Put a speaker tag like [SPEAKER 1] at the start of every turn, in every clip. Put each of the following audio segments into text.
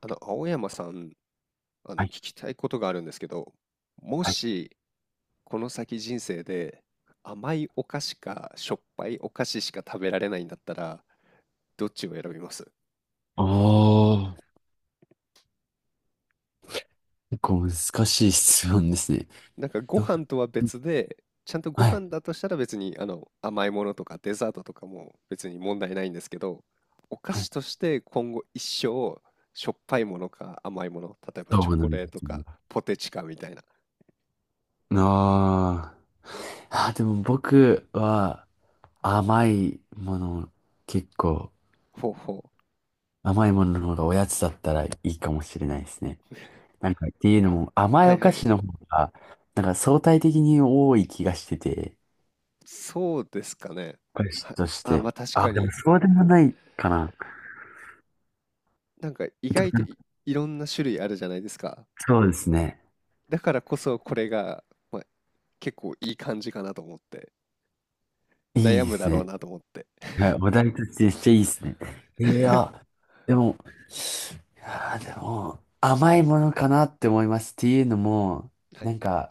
[SPEAKER 1] 青山さん、
[SPEAKER 2] は
[SPEAKER 1] 聞
[SPEAKER 2] い、
[SPEAKER 1] きたいことがあるんですけど、も
[SPEAKER 2] はい。
[SPEAKER 1] し、この先人生で、甘いお菓子か、しょっぱいお菓子しか食べられないんだったら、どっちを選びます？
[SPEAKER 2] ああ、結構難しい質問ですね。
[SPEAKER 1] なんか、ご
[SPEAKER 2] どう、
[SPEAKER 1] 飯とは別で、ちゃんとご
[SPEAKER 2] はい、
[SPEAKER 1] 飯だとしたら別に、甘いものとかデザートとかも別に問題ないんですけど、お菓
[SPEAKER 2] は
[SPEAKER 1] 子
[SPEAKER 2] い。
[SPEAKER 1] として今後一生、しょっぱいものか甘いもの、例えば
[SPEAKER 2] ど
[SPEAKER 1] チョ
[SPEAKER 2] うな
[SPEAKER 1] コ
[SPEAKER 2] ん
[SPEAKER 1] レー
[SPEAKER 2] で
[SPEAKER 1] ト
[SPEAKER 2] すね。
[SPEAKER 1] かポテチかみたいな。
[SPEAKER 2] あーあでも僕は甘いもの、結構
[SPEAKER 1] ほうほ
[SPEAKER 2] 甘いものの方がおやつだったらいいかもしれないですね。なんかっていうのも
[SPEAKER 1] う。
[SPEAKER 2] 甘
[SPEAKER 1] は
[SPEAKER 2] い
[SPEAKER 1] い
[SPEAKER 2] お菓
[SPEAKER 1] はい。
[SPEAKER 2] 子の方が、なんか相対的に多い気がしてて、
[SPEAKER 1] そうですかね。
[SPEAKER 2] お菓子
[SPEAKER 1] は、
[SPEAKER 2] とし
[SPEAKER 1] あ、
[SPEAKER 2] て。
[SPEAKER 1] まあ確か
[SPEAKER 2] でも
[SPEAKER 1] に、
[SPEAKER 2] そうでもないかな。
[SPEAKER 1] なんか意外とい、いろんな種類あるじゃないですか。
[SPEAKER 2] そうですね。
[SPEAKER 1] だからこそこれが、まあ、結構いい感じかなと思って、
[SPEAKER 2] いい
[SPEAKER 1] 悩
[SPEAKER 2] で
[SPEAKER 1] むだ
[SPEAKER 2] す
[SPEAKER 1] ろう
[SPEAKER 2] ね。
[SPEAKER 1] なと思って。
[SPEAKER 2] はい、お題としてめっちゃいいですね。い や、でも、いやでも、甘いものかなって思います。っていうのも、
[SPEAKER 1] は
[SPEAKER 2] な
[SPEAKER 1] い。
[SPEAKER 2] んか、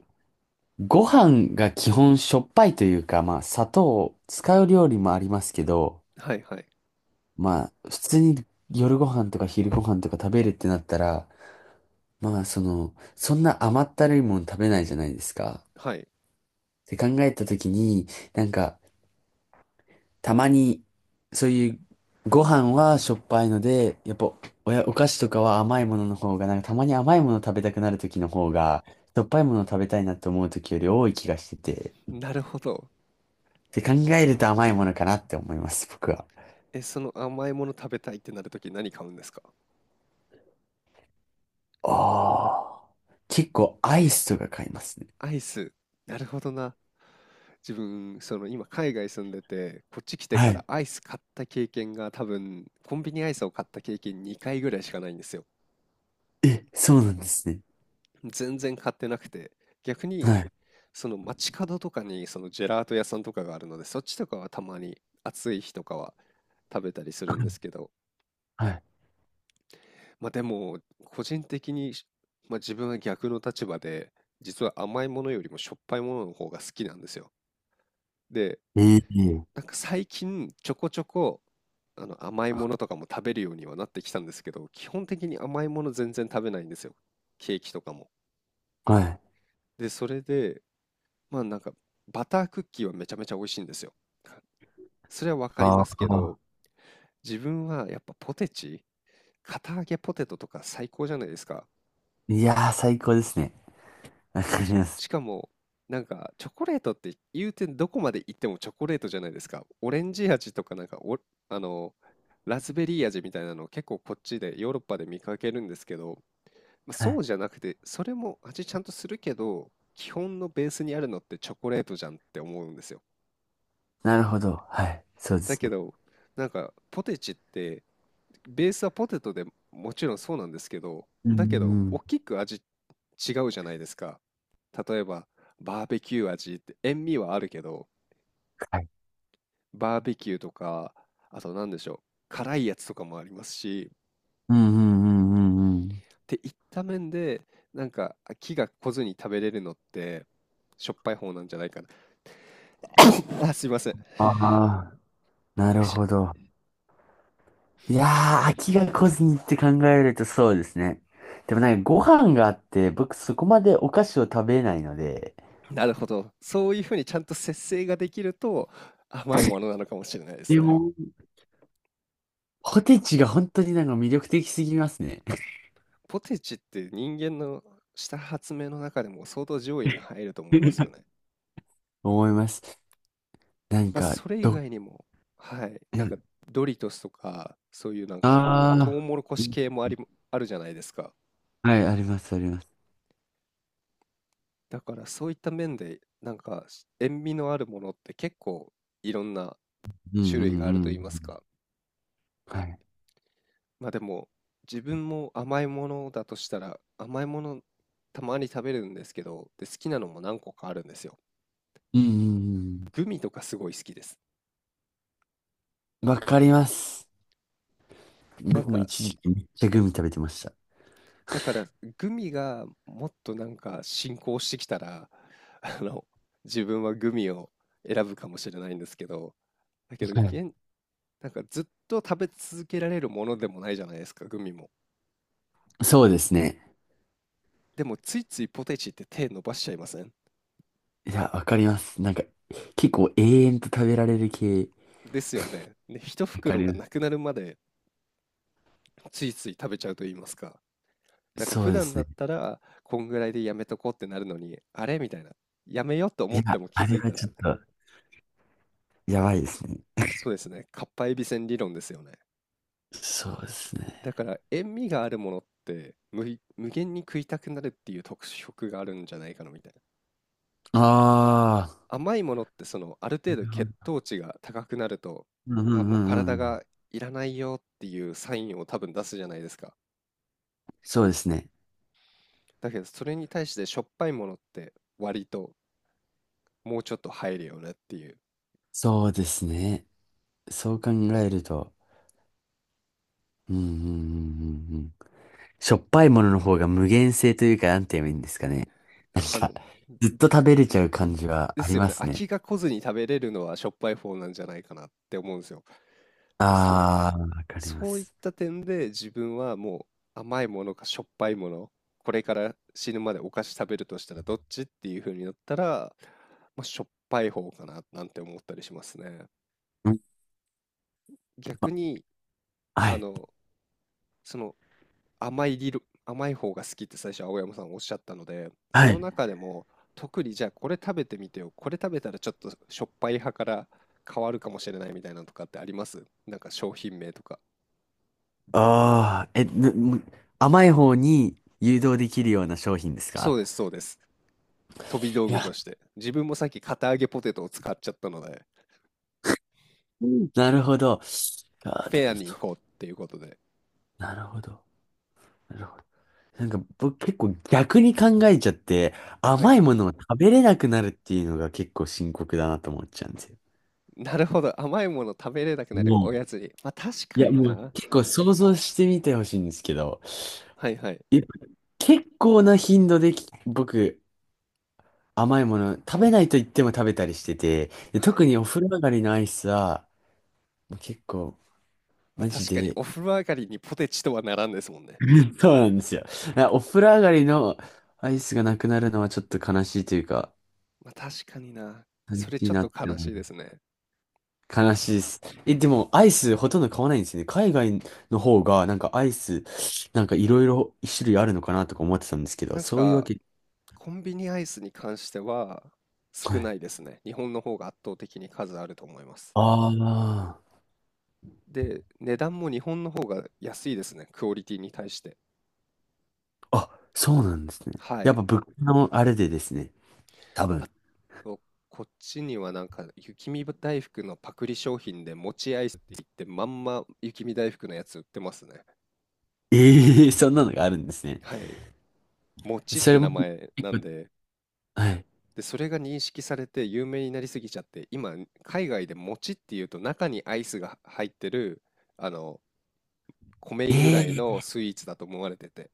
[SPEAKER 2] ご飯が基本しょっぱいというか、まあ、砂糖を使う料理もありますけど、
[SPEAKER 1] はいはい。
[SPEAKER 2] まあ、普通に夜ご飯とか昼ご飯とか食べるってなったら、まあ、その、そんな甘ったるいもの食べないじゃないですか。
[SPEAKER 1] はい。
[SPEAKER 2] って考えたときに、なんか、たまに、そういうご飯はしょっぱいので、やっぱお菓子とかは甘いものの方が、なんかたまに甘いもの食べたくなる時の方が、しょっぱいもの食べたいなと思う時より多い気がしてて、
[SPEAKER 1] なるほど。
[SPEAKER 2] で考えると甘いものかなって思います、僕は。
[SPEAKER 1] え、その甘いもの食べたいってなるとき何買うんですか？
[SPEAKER 2] ああ、結構アイスとか買いますね。
[SPEAKER 1] アイス。なるほどな。自分、その今海外住んでて、こっち来て
[SPEAKER 2] は
[SPEAKER 1] か
[SPEAKER 2] い。
[SPEAKER 1] らアイス買った経験が多分、コンビニアイスを買った経験2回ぐらいしかないんですよ。
[SPEAKER 2] え、そうなんですね。
[SPEAKER 1] 全然買ってなくて、逆に
[SPEAKER 2] はい。
[SPEAKER 1] その街角とかにそのジェラート屋さんとかがあるので、そっちとかはたまに暑い日とかは食べたりするんですけど、
[SPEAKER 2] はい。
[SPEAKER 1] まあでも個人的に、まあ、自分は逆の立場で、実は甘いものよりもしょっぱいものの方が好きなんですよ。で、
[SPEAKER 2] ええ
[SPEAKER 1] なんか最近ちょこちょこあの甘いものとかも食べるようにはなってきたんですけど、基本的に甘いもの全然食べないんですよ。ケーキとかも。
[SPEAKER 2] はい。
[SPEAKER 1] で、それで、まあなんか、バタークッキーはめちゃめちゃ美味しいんですよ。それはわかり
[SPEAKER 2] あ
[SPEAKER 1] ますけど、
[SPEAKER 2] あ、
[SPEAKER 1] 自分はやっぱポテチ、堅揚げポテトとか最高じゃないですか。
[SPEAKER 2] いやー、最高ですね。わかります。
[SPEAKER 1] しかも、なんかチョコレートって言うてどこまで行ってもチョコレートじゃないですか。オレンジ味とかなんかお、あの、ラズベリー味みたいなの結構こっちでヨーロッパで見かけるんですけど、まあ、
[SPEAKER 2] は
[SPEAKER 1] そ
[SPEAKER 2] い。
[SPEAKER 1] うじゃなくて、それも味ちゃんとするけど、基本のベースにあるのってチョコレートじゃんって思うんですよ。
[SPEAKER 2] なるほど。はい。そうで
[SPEAKER 1] だ
[SPEAKER 2] す
[SPEAKER 1] け
[SPEAKER 2] ね。
[SPEAKER 1] ど、なんか、ポテチって、ベースはポテトでもちろんそうなんですけど、
[SPEAKER 2] うんう
[SPEAKER 1] だけど、大
[SPEAKER 2] ん
[SPEAKER 1] きく味違うじゃないですか。例えば、バーベキュー味って、塩味はあるけど、
[SPEAKER 2] はい。
[SPEAKER 1] バーベキューとか、あと何でしょう、辛いやつとかもありますし、っ
[SPEAKER 2] うんうんうんうんうん。
[SPEAKER 1] ていった面で、なんか、気が来ずに食べれるのって、しょっぱい方なんじゃないかな。あ、すいません。
[SPEAKER 2] ああ、な
[SPEAKER 1] く
[SPEAKER 2] る
[SPEAKER 1] しゃ
[SPEAKER 2] ほど。いやー、飽きが来ずにって考えるとそうですね。でもなんかご飯があって、僕そこまでお菓子を食べないので、
[SPEAKER 1] なるほど。そういうふうにちゃんと節制ができると、甘いものなのかもしれないです
[SPEAKER 2] で
[SPEAKER 1] ね。
[SPEAKER 2] も、ポテチが本当になんか魅力的すぎますね。
[SPEAKER 1] ポテチって人間のした発明の中でも相当上位に入ると思いますよね。
[SPEAKER 2] 思います。なん
[SPEAKER 1] まあ、
[SPEAKER 2] か、
[SPEAKER 1] それ以
[SPEAKER 2] ど、
[SPEAKER 1] 外にも、はい、なんかドリトスとか、そういうなんか
[SPEAKER 2] あ
[SPEAKER 1] トウ
[SPEAKER 2] あ
[SPEAKER 1] モロコ
[SPEAKER 2] ー、
[SPEAKER 1] シ
[SPEAKER 2] い
[SPEAKER 1] 系もありあるじゃないですか。
[SPEAKER 2] はい、あります、あります。
[SPEAKER 1] だからそういった面で、なんか塩味のあるものって結構いろんな
[SPEAKER 2] うんうん
[SPEAKER 1] 種類があると
[SPEAKER 2] うん。
[SPEAKER 1] 言いますか。
[SPEAKER 2] はい。
[SPEAKER 1] まあでも、自分も甘いものだとしたら、甘いものたまに食べるんですけど、で、好きなのも何個かあるんですよ。
[SPEAKER 2] うんうん
[SPEAKER 1] グミとかすごい好きです。
[SPEAKER 2] うん。わかります。
[SPEAKER 1] なん
[SPEAKER 2] 僕も
[SPEAKER 1] か
[SPEAKER 2] 一時期めっちゃグミ食べてまし
[SPEAKER 1] だから、グミがもっとなんか進行してきたら、あの、自分はグミを選ぶかもしれないんですけど、だけど、
[SPEAKER 2] た。はい
[SPEAKER 1] 現、なんかずっと食べ続けられるものでもないじゃないですか、グミも。
[SPEAKER 2] そうですね。
[SPEAKER 1] でも、ついついポテチって手伸ばしちゃいません？
[SPEAKER 2] いや、わかります。なんか、結構永遠と食べられる系。
[SPEAKER 1] ですよね。で、一
[SPEAKER 2] わか
[SPEAKER 1] 袋
[SPEAKER 2] り
[SPEAKER 1] が
[SPEAKER 2] ま
[SPEAKER 1] なくなるまでついつい食べちゃうと言いますか。なん
[SPEAKER 2] す。
[SPEAKER 1] か
[SPEAKER 2] そ
[SPEAKER 1] 普
[SPEAKER 2] うで
[SPEAKER 1] 段
[SPEAKER 2] す
[SPEAKER 1] だっ
[SPEAKER 2] ね。
[SPEAKER 1] たら、こんぐらいでやめとこうってなるのに、あれみたいな。やめようと思
[SPEAKER 2] いや、
[SPEAKER 1] っても気
[SPEAKER 2] あ
[SPEAKER 1] づ
[SPEAKER 2] れ
[SPEAKER 1] い
[SPEAKER 2] は
[SPEAKER 1] た
[SPEAKER 2] ち
[SPEAKER 1] ら、
[SPEAKER 2] ょっと、やばいですね。
[SPEAKER 1] そうですね。かっぱえびせん理論ですよね。
[SPEAKER 2] そうですね。
[SPEAKER 1] だから塩味があるものって無い無限に食いたくなるっていう特色があるんじゃないかなみたいな。
[SPEAKER 2] あ
[SPEAKER 1] 甘いものってそのある
[SPEAKER 2] あ、
[SPEAKER 1] 程
[SPEAKER 2] な
[SPEAKER 1] 度
[SPEAKER 2] るほ
[SPEAKER 1] 血
[SPEAKER 2] ど。
[SPEAKER 1] 糖値が高くなると、
[SPEAKER 2] うんう
[SPEAKER 1] あ、
[SPEAKER 2] んう
[SPEAKER 1] もう
[SPEAKER 2] んう
[SPEAKER 1] 体
[SPEAKER 2] ん。
[SPEAKER 1] がいらないよっていうサインを多分出すじゃないですか。
[SPEAKER 2] そうですね。
[SPEAKER 1] だけどそれに対してしょっぱいものって割ともうちょっと入るよねっていう。
[SPEAKER 2] そうですね。そう考えると、うんうんうんうんうん。しょっぱいものの方が無限性というか、なんて言えばいいん ですかね。なん
[SPEAKER 1] あ
[SPEAKER 2] か、
[SPEAKER 1] の、
[SPEAKER 2] ずっと食べれちゃう
[SPEAKER 1] で
[SPEAKER 2] 感じは
[SPEAKER 1] で
[SPEAKER 2] あ
[SPEAKER 1] す
[SPEAKER 2] り
[SPEAKER 1] よ
[SPEAKER 2] ま
[SPEAKER 1] ね。
[SPEAKER 2] す
[SPEAKER 1] 飽
[SPEAKER 2] ね。
[SPEAKER 1] きが来ずに食べれるのはしょっぱい方なんじゃないかなって思うんですよ。まあ、
[SPEAKER 2] ああ、わかりま
[SPEAKER 1] そういっ
[SPEAKER 2] す。
[SPEAKER 1] た点で自分はもう甘いものかしょっぱいもの、これから死ぬまでお菓子食べるとしたらどっちっていう風になったら、まあ、しょっぱい方かななんて思ったりしますね。
[SPEAKER 2] うん、あ
[SPEAKER 1] 逆に、
[SPEAKER 2] は
[SPEAKER 1] あ
[SPEAKER 2] い。
[SPEAKER 1] の、その甘い理論、甘い方が好きって最初青山さんおっしゃったので、
[SPEAKER 2] は
[SPEAKER 1] その
[SPEAKER 2] い。
[SPEAKER 1] 中でも特にじゃあこれ食べてみてよ、これ食べたらちょっとしょっぱい派から変わるかもしれないみたいなのとかってあります？なんか商品名とか。
[SPEAKER 2] ああ、え、ぬむ甘い方に誘導できるような商品です
[SPEAKER 1] そ
[SPEAKER 2] か？
[SPEAKER 1] うです、そうです。飛び道
[SPEAKER 2] い
[SPEAKER 1] 具
[SPEAKER 2] や、
[SPEAKER 1] として。自分もさっき片揚げポテトを使っちゃったので、
[SPEAKER 2] うんなるほど。あ
[SPEAKER 1] フ
[SPEAKER 2] あ、で
[SPEAKER 1] ェア
[SPEAKER 2] も
[SPEAKER 1] に
[SPEAKER 2] そ
[SPEAKER 1] 行
[SPEAKER 2] う、
[SPEAKER 1] こうっていうことで。
[SPEAKER 2] なるほど。なるほど。なんか僕結構逆に考えちゃって、
[SPEAKER 1] はい
[SPEAKER 2] 甘
[SPEAKER 1] は
[SPEAKER 2] いも
[SPEAKER 1] い。
[SPEAKER 2] のを食べれなくなるっていうのが結構深刻だなと思っちゃうんですよ。
[SPEAKER 1] なるほど。甘いもの食べれなくなる
[SPEAKER 2] も
[SPEAKER 1] おや
[SPEAKER 2] う、
[SPEAKER 1] つに。まあ確
[SPEAKER 2] い
[SPEAKER 1] か
[SPEAKER 2] や
[SPEAKER 1] に
[SPEAKER 2] もう
[SPEAKER 1] な。
[SPEAKER 2] 結構想像してみてほしいんですけど、
[SPEAKER 1] はいはい。
[SPEAKER 2] いや結構な頻度で僕甘いもの食べないと言っても食べたりしてて、で
[SPEAKER 1] はい。
[SPEAKER 2] 特にお風呂上がりのアイスはもう結構
[SPEAKER 1] まあ
[SPEAKER 2] マジ
[SPEAKER 1] 確かに
[SPEAKER 2] で。
[SPEAKER 1] お風呂上がりにポテチとはならんですもんね。
[SPEAKER 2] そうなんですよ。お風呂上がりのアイスがなくなるのはちょっと悲しいというか、
[SPEAKER 1] まあ確かにな。
[SPEAKER 2] 悲
[SPEAKER 1] それ
[SPEAKER 2] しい
[SPEAKER 1] ちょっ
[SPEAKER 2] な
[SPEAKER 1] と
[SPEAKER 2] って
[SPEAKER 1] 悲
[SPEAKER 2] 思
[SPEAKER 1] し
[SPEAKER 2] う。
[SPEAKER 1] いですね。
[SPEAKER 2] 悲しいです。え、でも、アイスほとんど買わないんですよね。海外の方が、なんかアイス、なんかいろいろ一種類あるのかなとか思ってたんですけど、
[SPEAKER 1] なん
[SPEAKER 2] そういうわ
[SPEAKER 1] か、
[SPEAKER 2] け。
[SPEAKER 1] コンビニアイスに関しては
[SPEAKER 2] は
[SPEAKER 1] 少な
[SPEAKER 2] い。
[SPEAKER 1] いですね。日本の方が圧倒的に数あると思います。
[SPEAKER 2] あ
[SPEAKER 1] で、値段も日本の方が安いですね。クオリティに対して。
[SPEAKER 2] あ。あ、そうなんですね。
[SPEAKER 1] は
[SPEAKER 2] やっ
[SPEAKER 1] い。
[SPEAKER 2] ぱ物価のあれでですね。多分。
[SPEAKER 1] ここっちにはなんか雪見大福のパクリ商品で餅アイスって言ってまんま雪見大福のやつ売ってますね。
[SPEAKER 2] ええー、そんなのがあるんですね。
[SPEAKER 1] はい。餅っ
[SPEAKER 2] そ
[SPEAKER 1] て
[SPEAKER 2] れ
[SPEAKER 1] 名
[SPEAKER 2] も、
[SPEAKER 1] 前
[SPEAKER 2] 結
[SPEAKER 1] な
[SPEAKER 2] 構
[SPEAKER 1] んで、
[SPEAKER 2] はい。
[SPEAKER 1] で、それが認識されて有名になりすぎちゃって、今海外で餅っていうと中にアイスが入ってる、あの、米
[SPEAKER 2] え
[SPEAKER 1] 由
[SPEAKER 2] え
[SPEAKER 1] 来
[SPEAKER 2] ー、
[SPEAKER 1] のスイーツだと思われてて、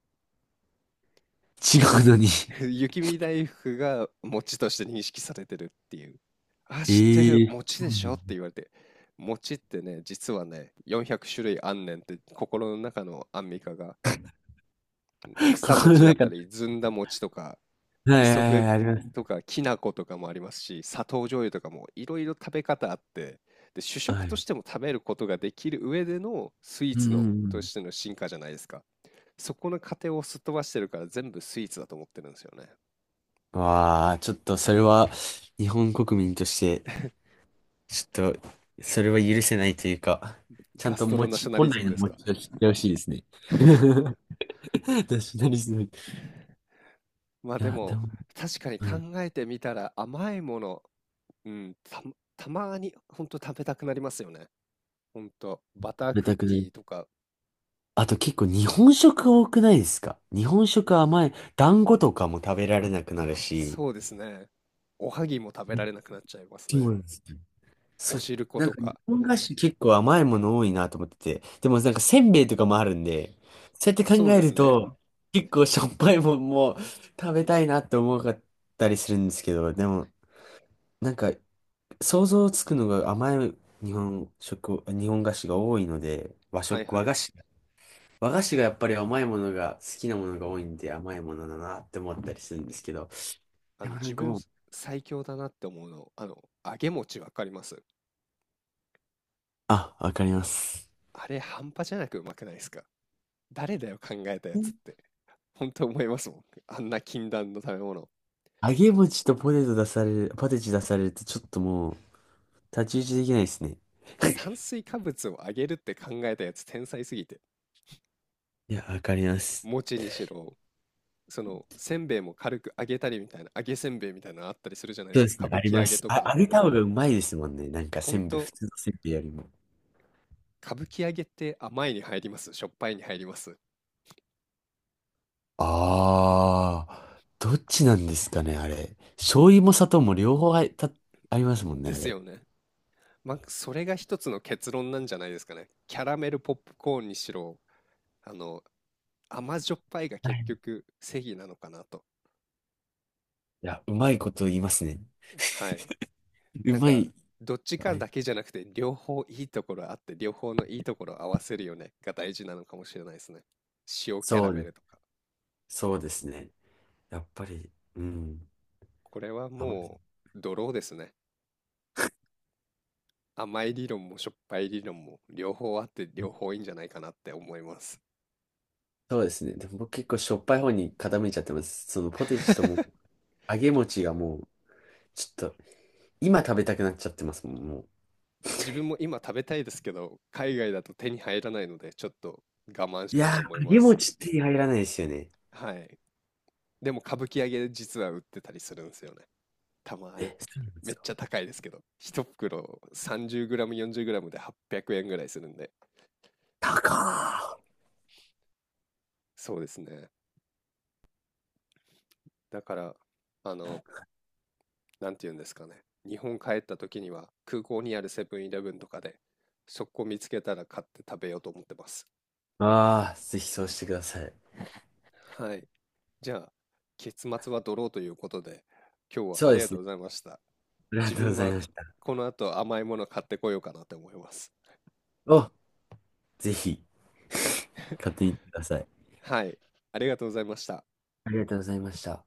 [SPEAKER 2] 違うのに。
[SPEAKER 1] 雪見大福が餅として認識されてるっていう。あ、知ってる、
[SPEAKER 2] ええー、
[SPEAKER 1] 餅
[SPEAKER 2] そ
[SPEAKER 1] でしょって
[SPEAKER 2] う。
[SPEAKER 1] 言われて。餅ってね、実はね、400種類あんねんって、心の中のアンミカが、草
[SPEAKER 2] 心
[SPEAKER 1] 餅
[SPEAKER 2] の
[SPEAKER 1] だっ
[SPEAKER 2] 中
[SPEAKER 1] た
[SPEAKER 2] の、
[SPEAKER 1] り、ずんだ餅とか、
[SPEAKER 2] はいは
[SPEAKER 1] 磯
[SPEAKER 2] いは
[SPEAKER 1] 辺
[SPEAKER 2] い、ありま
[SPEAKER 1] と
[SPEAKER 2] す。
[SPEAKER 1] か、きな粉とかもありますし、砂糖醤油とかもいろいろ食べ方あって、で、主食
[SPEAKER 2] は
[SPEAKER 1] と
[SPEAKER 2] い。
[SPEAKER 1] しても食べることができる上でのスイー
[SPEAKER 2] う
[SPEAKER 1] ツ
[SPEAKER 2] ん
[SPEAKER 1] の
[SPEAKER 2] う
[SPEAKER 1] と
[SPEAKER 2] んう
[SPEAKER 1] しての進化じゃないですか。そこの過程をすっ飛ばしてるから全部スイーツだと思ってるんですよね。
[SPEAKER 2] ん。わあ、ちょっとそれは、日本国民として、ちょっと、それは許せないというか、ちゃ
[SPEAKER 1] ガ
[SPEAKER 2] んと
[SPEAKER 1] スト
[SPEAKER 2] 持
[SPEAKER 1] ロナショ
[SPEAKER 2] ち、
[SPEAKER 1] ナリ
[SPEAKER 2] 本
[SPEAKER 1] ズ
[SPEAKER 2] 来
[SPEAKER 1] ム
[SPEAKER 2] の
[SPEAKER 1] です
[SPEAKER 2] 持
[SPEAKER 1] か。
[SPEAKER 2] ちを知ってほしいですね。ナショナリズム。い
[SPEAKER 1] まあで
[SPEAKER 2] や、で
[SPEAKER 1] も、
[SPEAKER 2] も、
[SPEAKER 1] 確かに
[SPEAKER 2] はい、食
[SPEAKER 1] 考えてみたら甘いもの、うん、た、たまにほんと食べたくなりますよね。ほんと、バター
[SPEAKER 2] べ
[SPEAKER 1] クッ
[SPEAKER 2] たく
[SPEAKER 1] キ
[SPEAKER 2] ない。
[SPEAKER 1] ーとか、
[SPEAKER 2] あと結構日本食多くないですか？日本食甘い、団子とかも食べられなくなるし。
[SPEAKER 1] そうですね。おはぎも食べられなくなっちゃいます
[SPEAKER 2] そ
[SPEAKER 1] ね。
[SPEAKER 2] うなんです
[SPEAKER 1] お
[SPEAKER 2] そ、
[SPEAKER 1] 汁粉
[SPEAKER 2] なん
[SPEAKER 1] と
[SPEAKER 2] か日
[SPEAKER 1] か。
[SPEAKER 2] 本菓子結構甘いもの多いなと思ってて。でもなんかせんべいとかもあるんで、そうやって考
[SPEAKER 1] そうで
[SPEAKER 2] え
[SPEAKER 1] す
[SPEAKER 2] る
[SPEAKER 1] ね。
[SPEAKER 2] と、結構しょっぱいもんも食べたいなって思かったりするんですけど、でもなんか想像つくのが甘い日本食、日本菓子が多いので、和
[SPEAKER 1] はい
[SPEAKER 2] 食、
[SPEAKER 1] は
[SPEAKER 2] 和
[SPEAKER 1] い。
[SPEAKER 2] 菓子。和菓子がやっぱり甘いものが好きなものが多いんで甘いものだなって思ったりするんですけど、でもな
[SPEAKER 1] 自
[SPEAKER 2] んか
[SPEAKER 1] 分
[SPEAKER 2] もう、
[SPEAKER 1] 最強だなって思うの、揚げ餅わかります。
[SPEAKER 2] あ、わかります。
[SPEAKER 1] あれ半端じゃなくうまくないですか。誰だよ考えたやつっ て。本当思いますもん。あんな禁断の食べ物。
[SPEAKER 2] 揚げ餅とポテチ出されるとちょっともう、太刀打ちできないですね。
[SPEAKER 1] てか炭水化物を上げるって考えたやつ天才すぎて
[SPEAKER 2] いや、わかります。
[SPEAKER 1] 餅にしろそのせんべいも軽く揚げたりみたいな揚げせんべいみたいなのあったりするじゃないで
[SPEAKER 2] そう
[SPEAKER 1] す
[SPEAKER 2] で
[SPEAKER 1] か
[SPEAKER 2] す
[SPEAKER 1] 歌
[SPEAKER 2] ね、
[SPEAKER 1] 舞
[SPEAKER 2] あり
[SPEAKER 1] 伎揚
[SPEAKER 2] ま
[SPEAKER 1] げ
[SPEAKER 2] す。
[SPEAKER 1] と
[SPEAKER 2] あ、
[SPEAKER 1] か
[SPEAKER 2] 揚げた方がうまいですもんね。なんか
[SPEAKER 1] ほ
[SPEAKER 2] せ
[SPEAKER 1] ん
[SPEAKER 2] んべい、
[SPEAKER 1] と
[SPEAKER 2] 普通のせんべいよりも。
[SPEAKER 1] 歌舞伎揚げって甘いに入ります？しょっぱいに入ります？
[SPEAKER 2] ああ、どっちなんですかね、あれ。醤油も砂糖も両方ありますもんね、
[SPEAKER 1] で
[SPEAKER 2] あ
[SPEAKER 1] す
[SPEAKER 2] れ。
[SPEAKER 1] よね。まあそれが一つの結論なんじゃないですかね。キャラメルポップコーンにしろあの甘じょっぱいが
[SPEAKER 2] は
[SPEAKER 1] 結
[SPEAKER 2] い、
[SPEAKER 1] 局正義なのかなと。
[SPEAKER 2] いや、うまいこと言いますね。
[SPEAKER 1] はい。
[SPEAKER 2] う
[SPEAKER 1] なん
[SPEAKER 2] ま
[SPEAKER 1] か、
[SPEAKER 2] い。
[SPEAKER 1] どっち
[SPEAKER 2] あ
[SPEAKER 1] か
[SPEAKER 2] い、
[SPEAKER 1] だけじゃなくて、両方いいところあって、両方のいいところを合わせるよねが大事なのかもしれないですね。塩キャラ
[SPEAKER 2] そう
[SPEAKER 1] メ
[SPEAKER 2] で
[SPEAKER 1] ルと
[SPEAKER 2] す。
[SPEAKER 1] か。
[SPEAKER 2] そうですね。やっぱり、うん。
[SPEAKER 1] これは
[SPEAKER 2] 甘い
[SPEAKER 1] もドローですね。甘い理論もしょっぱい理論も両方あって両方いいんじゃないかなって思います。
[SPEAKER 2] そうですね。でも僕結構しょっぱい方に傾いちゃってます。そのポテチとも揚げ餅がもう、ちょっと、今食べたくなっちゃってますもん、もう。
[SPEAKER 1] 自分も今食べたいですけど、海外だと手に入らないので、ちょっと我慢し
[SPEAKER 2] い
[SPEAKER 1] よう
[SPEAKER 2] や
[SPEAKER 1] と思い
[SPEAKER 2] ー、揚
[SPEAKER 1] ま
[SPEAKER 2] げ
[SPEAKER 1] す。
[SPEAKER 2] 餅手て入らないですよね。
[SPEAKER 1] はい。でも、歌舞伎揚げ実は売ってたりするんですよね。たまに。
[SPEAKER 2] え、そうなんで
[SPEAKER 1] め
[SPEAKER 2] す
[SPEAKER 1] っち
[SPEAKER 2] か。
[SPEAKER 1] ゃ高いですけど。一袋 30g、40g で800円ぐらいするんで。
[SPEAKER 2] 高ー。
[SPEAKER 1] そうですね。だから、あの、なんて言うんですかね。日本帰った時には空港にあるセブンイレブンとかで、そこ見つけたら買って食べようと思ってます。
[SPEAKER 2] ああ、ぜひそうしてください。
[SPEAKER 1] はい。じゃあ、結末はドローということで、今日は
[SPEAKER 2] そ
[SPEAKER 1] あ
[SPEAKER 2] う
[SPEAKER 1] り
[SPEAKER 2] で
[SPEAKER 1] が
[SPEAKER 2] す
[SPEAKER 1] とう
[SPEAKER 2] ね。
[SPEAKER 1] ございました。
[SPEAKER 2] ありが
[SPEAKER 1] 自
[SPEAKER 2] とうご
[SPEAKER 1] 分
[SPEAKER 2] ざい
[SPEAKER 1] は
[SPEAKER 2] ました。
[SPEAKER 1] この後甘いもの買ってこようかなと思います。
[SPEAKER 2] お、ぜひ、買ってみてください。
[SPEAKER 1] はい。ありがとうございました。
[SPEAKER 2] ありがとうございました。